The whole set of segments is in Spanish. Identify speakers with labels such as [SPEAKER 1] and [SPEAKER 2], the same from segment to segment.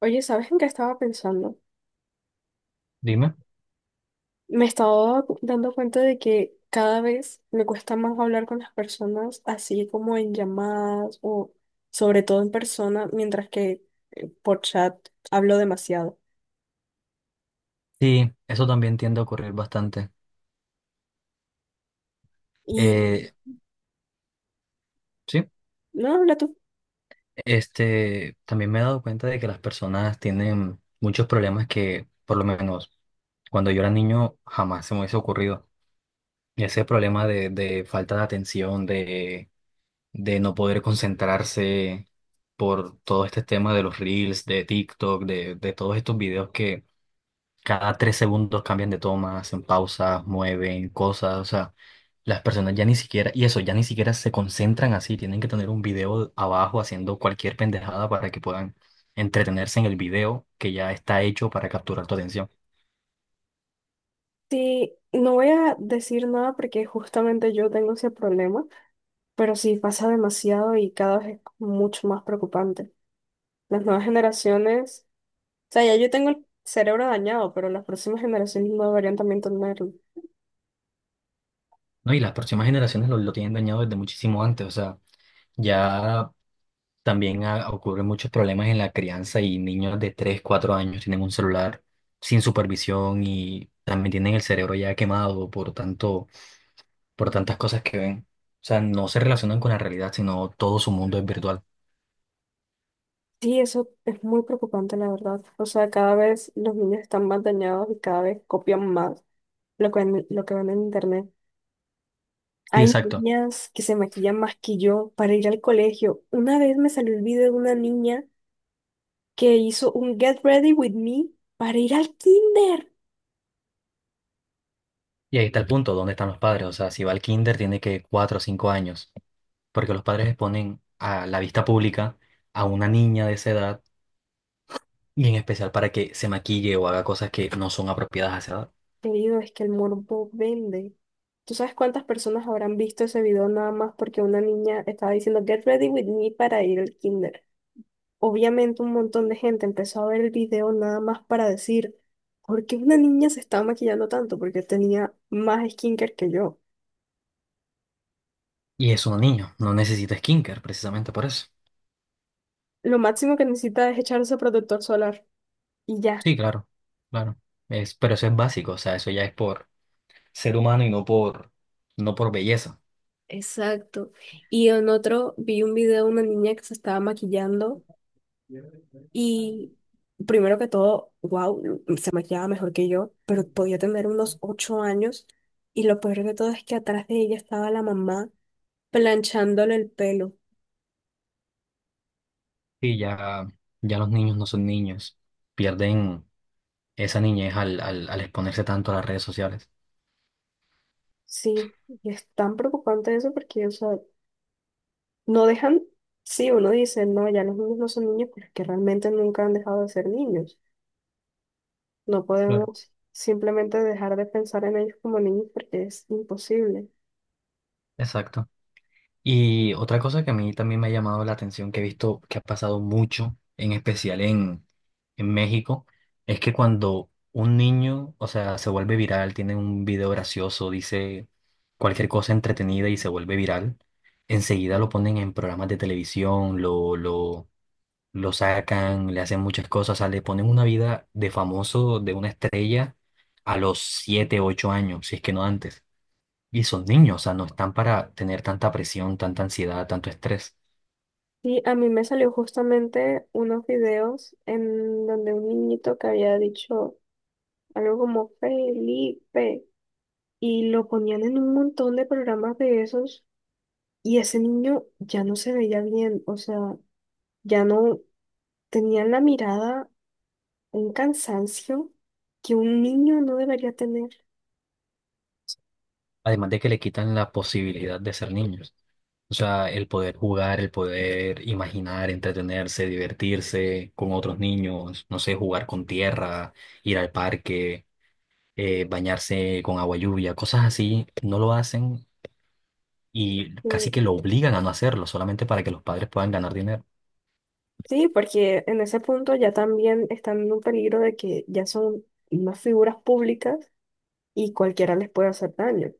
[SPEAKER 1] Oye, ¿sabes en qué estaba pensando?
[SPEAKER 2] Dime.
[SPEAKER 1] Me estaba dando cuenta de que cada vez me cuesta más hablar con las personas, así como en llamadas o sobre todo en persona, mientras que por chat hablo demasiado.
[SPEAKER 2] Sí, eso también tiende a ocurrir bastante.
[SPEAKER 1] Y
[SPEAKER 2] Eh, sí,
[SPEAKER 1] no, habla tú.
[SPEAKER 2] También me he dado cuenta de que las personas tienen muchos problemas que, por lo menos, cuando yo era niño jamás se me hubiese ocurrido. Ese problema de falta de atención, de no poder concentrarse por todo este tema de los reels, de TikTok, de todos estos videos que cada 3 segundos cambian de toma, hacen pausas, mueven cosas. O sea, las personas ya ni siquiera, y eso, ya ni siquiera se concentran así, tienen que tener un video abajo haciendo cualquier pendejada para que puedan entretenerse en el video que ya está hecho para capturar tu atención.
[SPEAKER 1] Sí, no voy a decir nada porque justamente yo tengo ese problema, pero sí pasa demasiado y cada vez es mucho más preocupante. Las nuevas generaciones, o sea, ya yo tengo el cerebro dañado, pero las próximas generaciones no deberían también tenerlo.
[SPEAKER 2] No, y las próximas generaciones lo tienen dañado desde muchísimo antes. O sea, ya también ocurren muchos problemas en la crianza y niños de 3 4 años tienen un celular sin supervisión y también tienen el cerebro ya quemado por tanto, por tantas cosas que ven. O sea, no se relacionan con la realidad, sino todo su mundo es virtual.
[SPEAKER 1] Sí, eso es muy preocupante, la verdad. O sea, cada vez los niños están más dañados y cada vez copian más lo que ven en internet.
[SPEAKER 2] Sí,
[SPEAKER 1] Hay
[SPEAKER 2] exacto.
[SPEAKER 1] niñas que se maquillan más que yo para ir al colegio. Una vez me salió el video de una niña que hizo un Get Ready With Me para ir al kinder.
[SPEAKER 2] Y ahí está el punto, ¿dónde están los padres? O sea, si va al kinder tiene que 4 o 5 años, porque los padres exponen a la vista pública a una niña de esa edad, y en especial para que se maquille o haga cosas que no son apropiadas a esa edad.
[SPEAKER 1] Querido, es que el morbo vende. ¿Tú sabes cuántas personas habrán visto ese video nada más porque una niña estaba diciendo Get ready with me para ir al kinder? Obviamente un montón de gente empezó a ver el video nada más para decir ¿por qué una niña se estaba maquillando tanto? Porque tenía más skincare que yo.
[SPEAKER 2] Y es una niña, no necesita skincare precisamente por eso.
[SPEAKER 1] Lo máximo que necesita es echarse protector solar y ya.
[SPEAKER 2] Sí, claro, claro. Es, pero eso es básico, o sea, eso ya es por ser humano y no por belleza.
[SPEAKER 1] Exacto. Y en otro vi un video de una niña que se estaba maquillando. Y primero que todo, wow, se maquillaba mejor que yo, pero podía tener unos 8 años. Y lo peor de todo es que atrás de ella estaba la mamá planchándole el pelo.
[SPEAKER 2] Sí, ya, ya los niños no son niños, pierden esa niñez al exponerse tanto a las redes sociales.
[SPEAKER 1] Sí, y es tan preocupante eso porque, o sea, no dejan, sí, uno dice, no, ya los niños no son niños, pero es que realmente nunca han dejado de ser niños. No
[SPEAKER 2] Claro.
[SPEAKER 1] podemos simplemente dejar de pensar en ellos como niños porque es imposible.
[SPEAKER 2] Exacto. Y otra cosa que a mí también me ha llamado la atención, que he visto que ha pasado mucho, en especial en México, es que cuando un niño, o sea, se vuelve viral, tiene un video gracioso, dice cualquier cosa entretenida y se vuelve viral, enseguida lo ponen en programas de televisión, lo sacan, le hacen muchas cosas, o sea, le ponen una vida de famoso, de una estrella, a los 7 8 años, si es que no antes. Y son niños, o sea, no están para tener tanta presión, tanta ansiedad, tanto estrés.
[SPEAKER 1] Sí, a mí me salió justamente unos videos en donde un niñito que había dicho algo como Felipe y lo ponían en un montón de programas de esos y ese niño ya no se veía bien, o sea, ya no tenía en la mirada un cansancio que un niño no debería tener.
[SPEAKER 2] Además de que le quitan la posibilidad de ser niños. O sea, el poder jugar, el poder imaginar, entretenerse, divertirse con otros niños, no sé, jugar con tierra, ir al parque, bañarse con agua lluvia, cosas así, no lo hacen y
[SPEAKER 1] Sí,
[SPEAKER 2] casi que lo obligan a no hacerlo, solamente para que los padres puedan ganar dinero.
[SPEAKER 1] sí, porque en ese punto ya también están en un peligro de que ya son unas figuras públicas y cualquiera les puede hacer daño.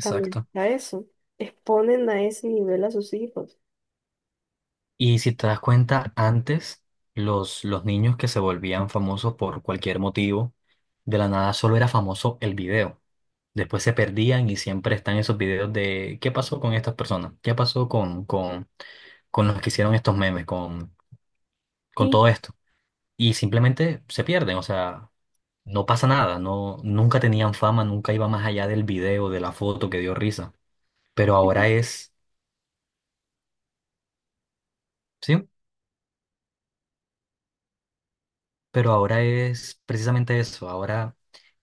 [SPEAKER 1] También a eso. Exponen a ese nivel a sus hijos.
[SPEAKER 2] Y si te das cuenta, antes los niños que se volvían famosos por cualquier motivo, de la nada solo era famoso el video. Después se perdían y siempre están esos videos de qué pasó con estas personas, qué pasó con los que hicieron estos memes, con
[SPEAKER 1] Sí,
[SPEAKER 2] todo esto. Y simplemente se pierden, o sea, no pasa nada, no, nunca tenían fama, nunca iba más allá del video, de la foto que dio risa. Pero ahora es, ¿sí? Pero ahora es precisamente eso, ahora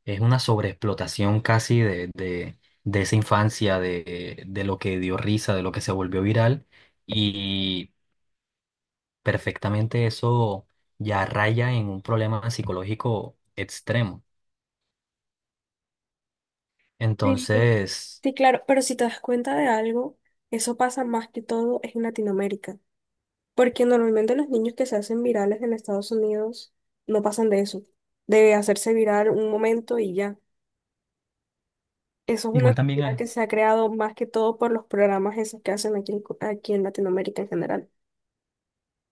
[SPEAKER 2] es una sobreexplotación casi de esa infancia, de lo que dio risa, de lo que se volvió viral y perfectamente eso ya raya en un problema psicológico extremo.
[SPEAKER 1] sí,
[SPEAKER 2] Entonces,
[SPEAKER 1] sí, claro, pero si te das cuenta de algo, eso pasa más que todo es en Latinoamérica, porque normalmente los niños que se hacen virales en Estados Unidos no pasan de eso, de hacerse viral un momento y ya. Eso es una
[SPEAKER 2] igual también
[SPEAKER 1] cultura
[SPEAKER 2] hay...
[SPEAKER 1] que se ha creado más que todo por los programas esos que hacen aquí aquí en Latinoamérica en general.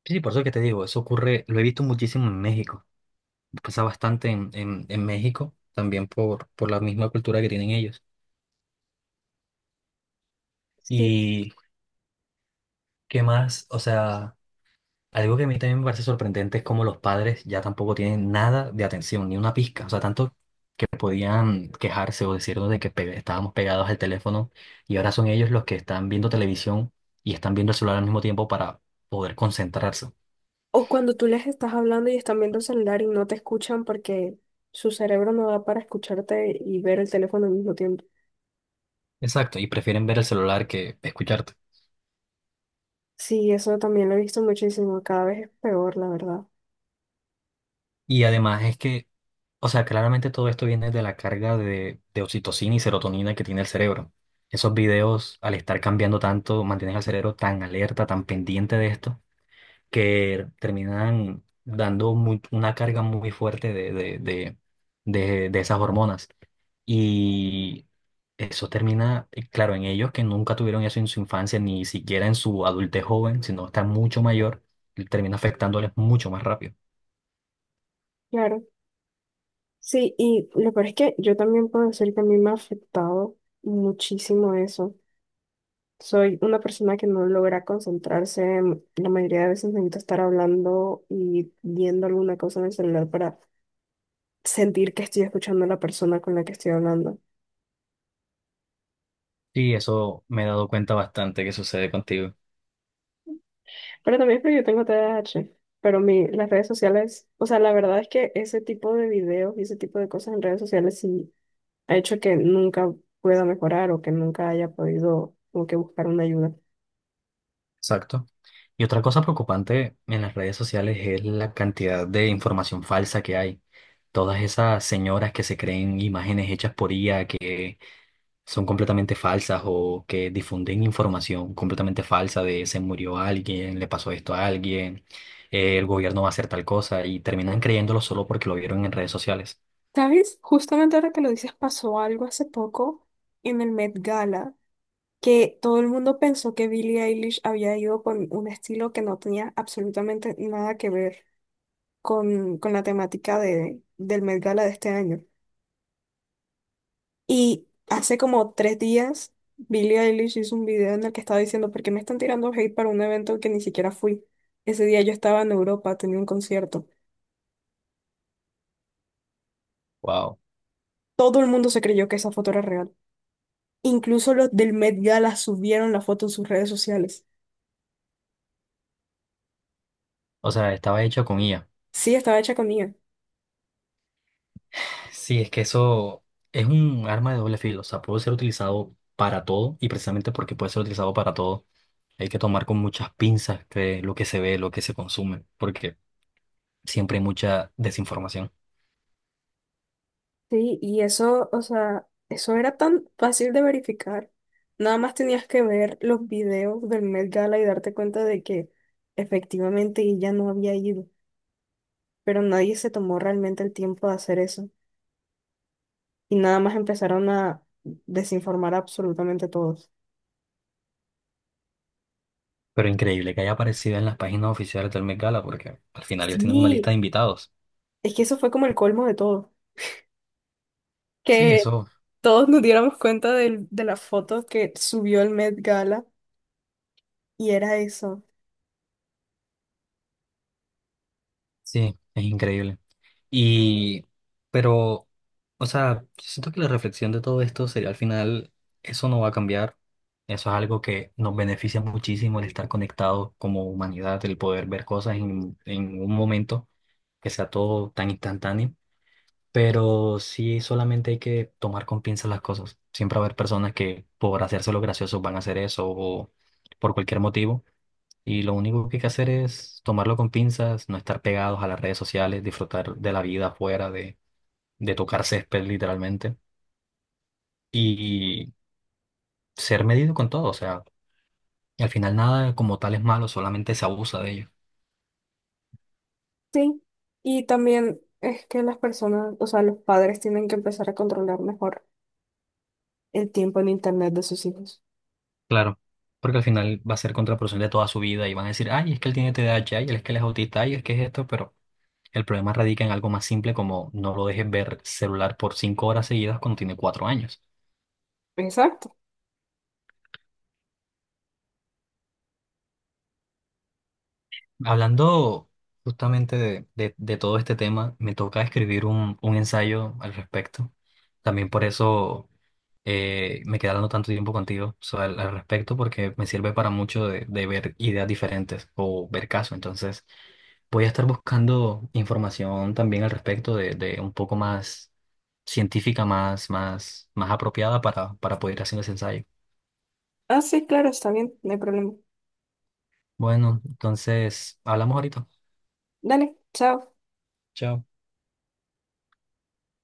[SPEAKER 2] Sí, por eso que te digo, eso ocurre, lo he visto muchísimo en México, pasa bastante en México, también por la misma cultura que tienen ellos.
[SPEAKER 1] Sí.
[SPEAKER 2] ¿Y qué más? O sea... Algo que a mí también me parece sorprendente es cómo los padres ya tampoco tienen nada de atención, ni una pizca. O sea, tanto que podían quejarse o decirnos de que estábamos pegados al teléfono y ahora son ellos los que están viendo televisión y están viendo el celular al mismo tiempo para poder concentrarse.
[SPEAKER 1] O cuando tú les estás hablando y están viendo el celular y no te escuchan porque su cerebro no da para escucharte y ver el teléfono al mismo tiempo.
[SPEAKER 2] Exacto, y prefieren ver el celular que escucharte.
[SPEAKER 1] Sí, eso también lo he visto muchísimo. Cada vez es peor, la verdad.
[SPEAKER 2] Y además es que, o sea, claramente todo esto viene de la carga de oxitocina y serotonina que tiene el cerebro. Esos videos, al estar cambiando tanto, mantienen al cerebro tan alerta, tan pendiente de esto que terminan dando una carga muy fuerte de esas hormonas. Y eso termina, claro, en ellos que nunca tuvieron eso en su infancia, ni siquiera en su adultez joven, sino está mucho mayor, y termina afectándoles mucho más rápido.
[SPEAKER 1] Claro. Sí, y lo peor es que yo también puedo decir que a mí me ha afectado muchísimo eso. Soy una persona que no logra concentrarse. La mayoría de veces necesito estar hablando y viendo alguna cosa en el celular para sentir que estoy escuchando a la persona con la que estoy hablando.
[SPEAKER 2] Sí, eso me he dado cuenta bastante que sucede contigo.
[SPEAKER 1] Pero también es porque yo tengo TDAH Pero las redes sociales, o sea, la verdad es que ese tipo de videos y ese tipo de cosas en redes sociales sí ha hecho que nunca pueda mejorar o que nunca haya podido como que buscar una ayuda.
[SPEAKER 2] Exacto. Y otra cosa preocupante en las redes sociales es la cantidad de información falsa que hay. Todas esas señoras que se creen imágenes hechas por IA, que son completamente falsas o que difunden información completamente falsa de se murió alguien, le pasó esto a alguien, el gobierno va a hacer tal cosa y terminan creyéndolo solo porque lo vieron en redes sociales.
[SPEAKER 1] ¿Sabes? Justamente ahora que lo dices, pasó algo hace poco en el Met Gala, que todo el mundo pensó que Billie Eilish había ido con un estilo que no tenía absolutamente nada que ver con la temática del Met Gala de este año. Y hace como 3 días, Billie Eilish hizo un video en el que estaba diciendo, ¿por qué me están tirando hate para un evento que ni siquiera fui? Ese día yo estaba en Europa, tenía un concierto.
[SPEAKER 2] Wow.
[SPEAKER 1] Todo el mundo se creyó que esa foto era real. Incluso los del Met Gala subieron la foto en sus redes sociales.
[SPEAKER 2] O sea, estaba hecho con IA.
[SPEAKER 1] Sí, estaba hecha con IA.
[SPEAKER 2] Sí, es que eso es un arma de doble filo. O sea, puede ser utilizado para todo y precisamente porque puede ser utilizado para todo, hay que tomar con muchas pinzas que lo que se ve, lo que se consume, porque siempre hay mucha desinformación.
[SPEAKER 1] Sí, y eso, o sea, eso era tan fácil de verificar. Nada más tenías que ver los videos del Met Gala y darte cuenta de que efectivamente ella no había ido, pero nadie se tomó realmente el tiempo de hacer eso. Y nada más empezaron a desinformar a absolutamente todos.
[SPEAKER 2] Pero increíble que haya aparecido en las páginas oficiales del Met Gala, porque al final ellos tienen una lista
[SPEAKER 1] Sí,
[SPEAKER 2] de invitados.
[SPEAKER 1] es que eso fue como el colmo de todo.
[SPEAKER 2] Sí,
[SPEAKER 1] Que
[SPEAKER 2] eso,
[SPEAKER 1] todos nos diéramos cuenta de la foto que subió el Met Gala y era eso.
[SPEAKER 2] sí, es increíble. Y, pero, o sea, siento que la reflexión de todo esto sería al final, eso no va a cambiar. Eso es algo que nos beneficia muchísimo el estar conectados como humanidad, el poder ver cosas en un momento que sea todo tan instantáneo. Pero sí, solamente hay que tomar con pinzas las cosas. Siempre va a haber personas que por hacérselo gracioso van a hacer eso o por cualquier motivo. Y lo único que hay que hacer es tomarlo con pinzas, no estar pegados a las redes sociales, disfrutar de la vida afuera, de tocar césped literalmente y ser medido con todo. O sea, al final nada como tal es malo, solamente se abusa de ello.
[SPEAKER 1] Sí, y también es que las personas, o sea, los padres tienen que empezar a controlar mejor el tiempo en internet de sus hijos.
[SPEAKER 2] Claro, porque al final va a ser contraproducente toda su vida y van a decir, ay, es que él tiene TDAH, ay, es que él es autista, ay, es que es esto, pero... El problema radica en algo más simple como no lo dejes ver celular por 5 horas seguidas cuando tiene 4 años.
[SPEAKER 1] Exacto.
[SPEAKER 2] Hablando justamente de todo este tema, me toca escribir un ensayo al respecto. También por eso me quedé hablando tanto tiempo contigo al respecto, porque me sirve para mucho de ver ideas diferentes o ver casos. Entonces, voy a estar buscando información también al respecto de un poco más científica, más apropiada para poder hacer ese ensayo.
[SPEAKER 1] Ah, sí, claro, está bien, no hay problema.
[SPEAKER 2] Bueno, entonces, hablamos ahorita.
[SPEAKER 1] Dale, chao.
[SPEAKER 2] Chao.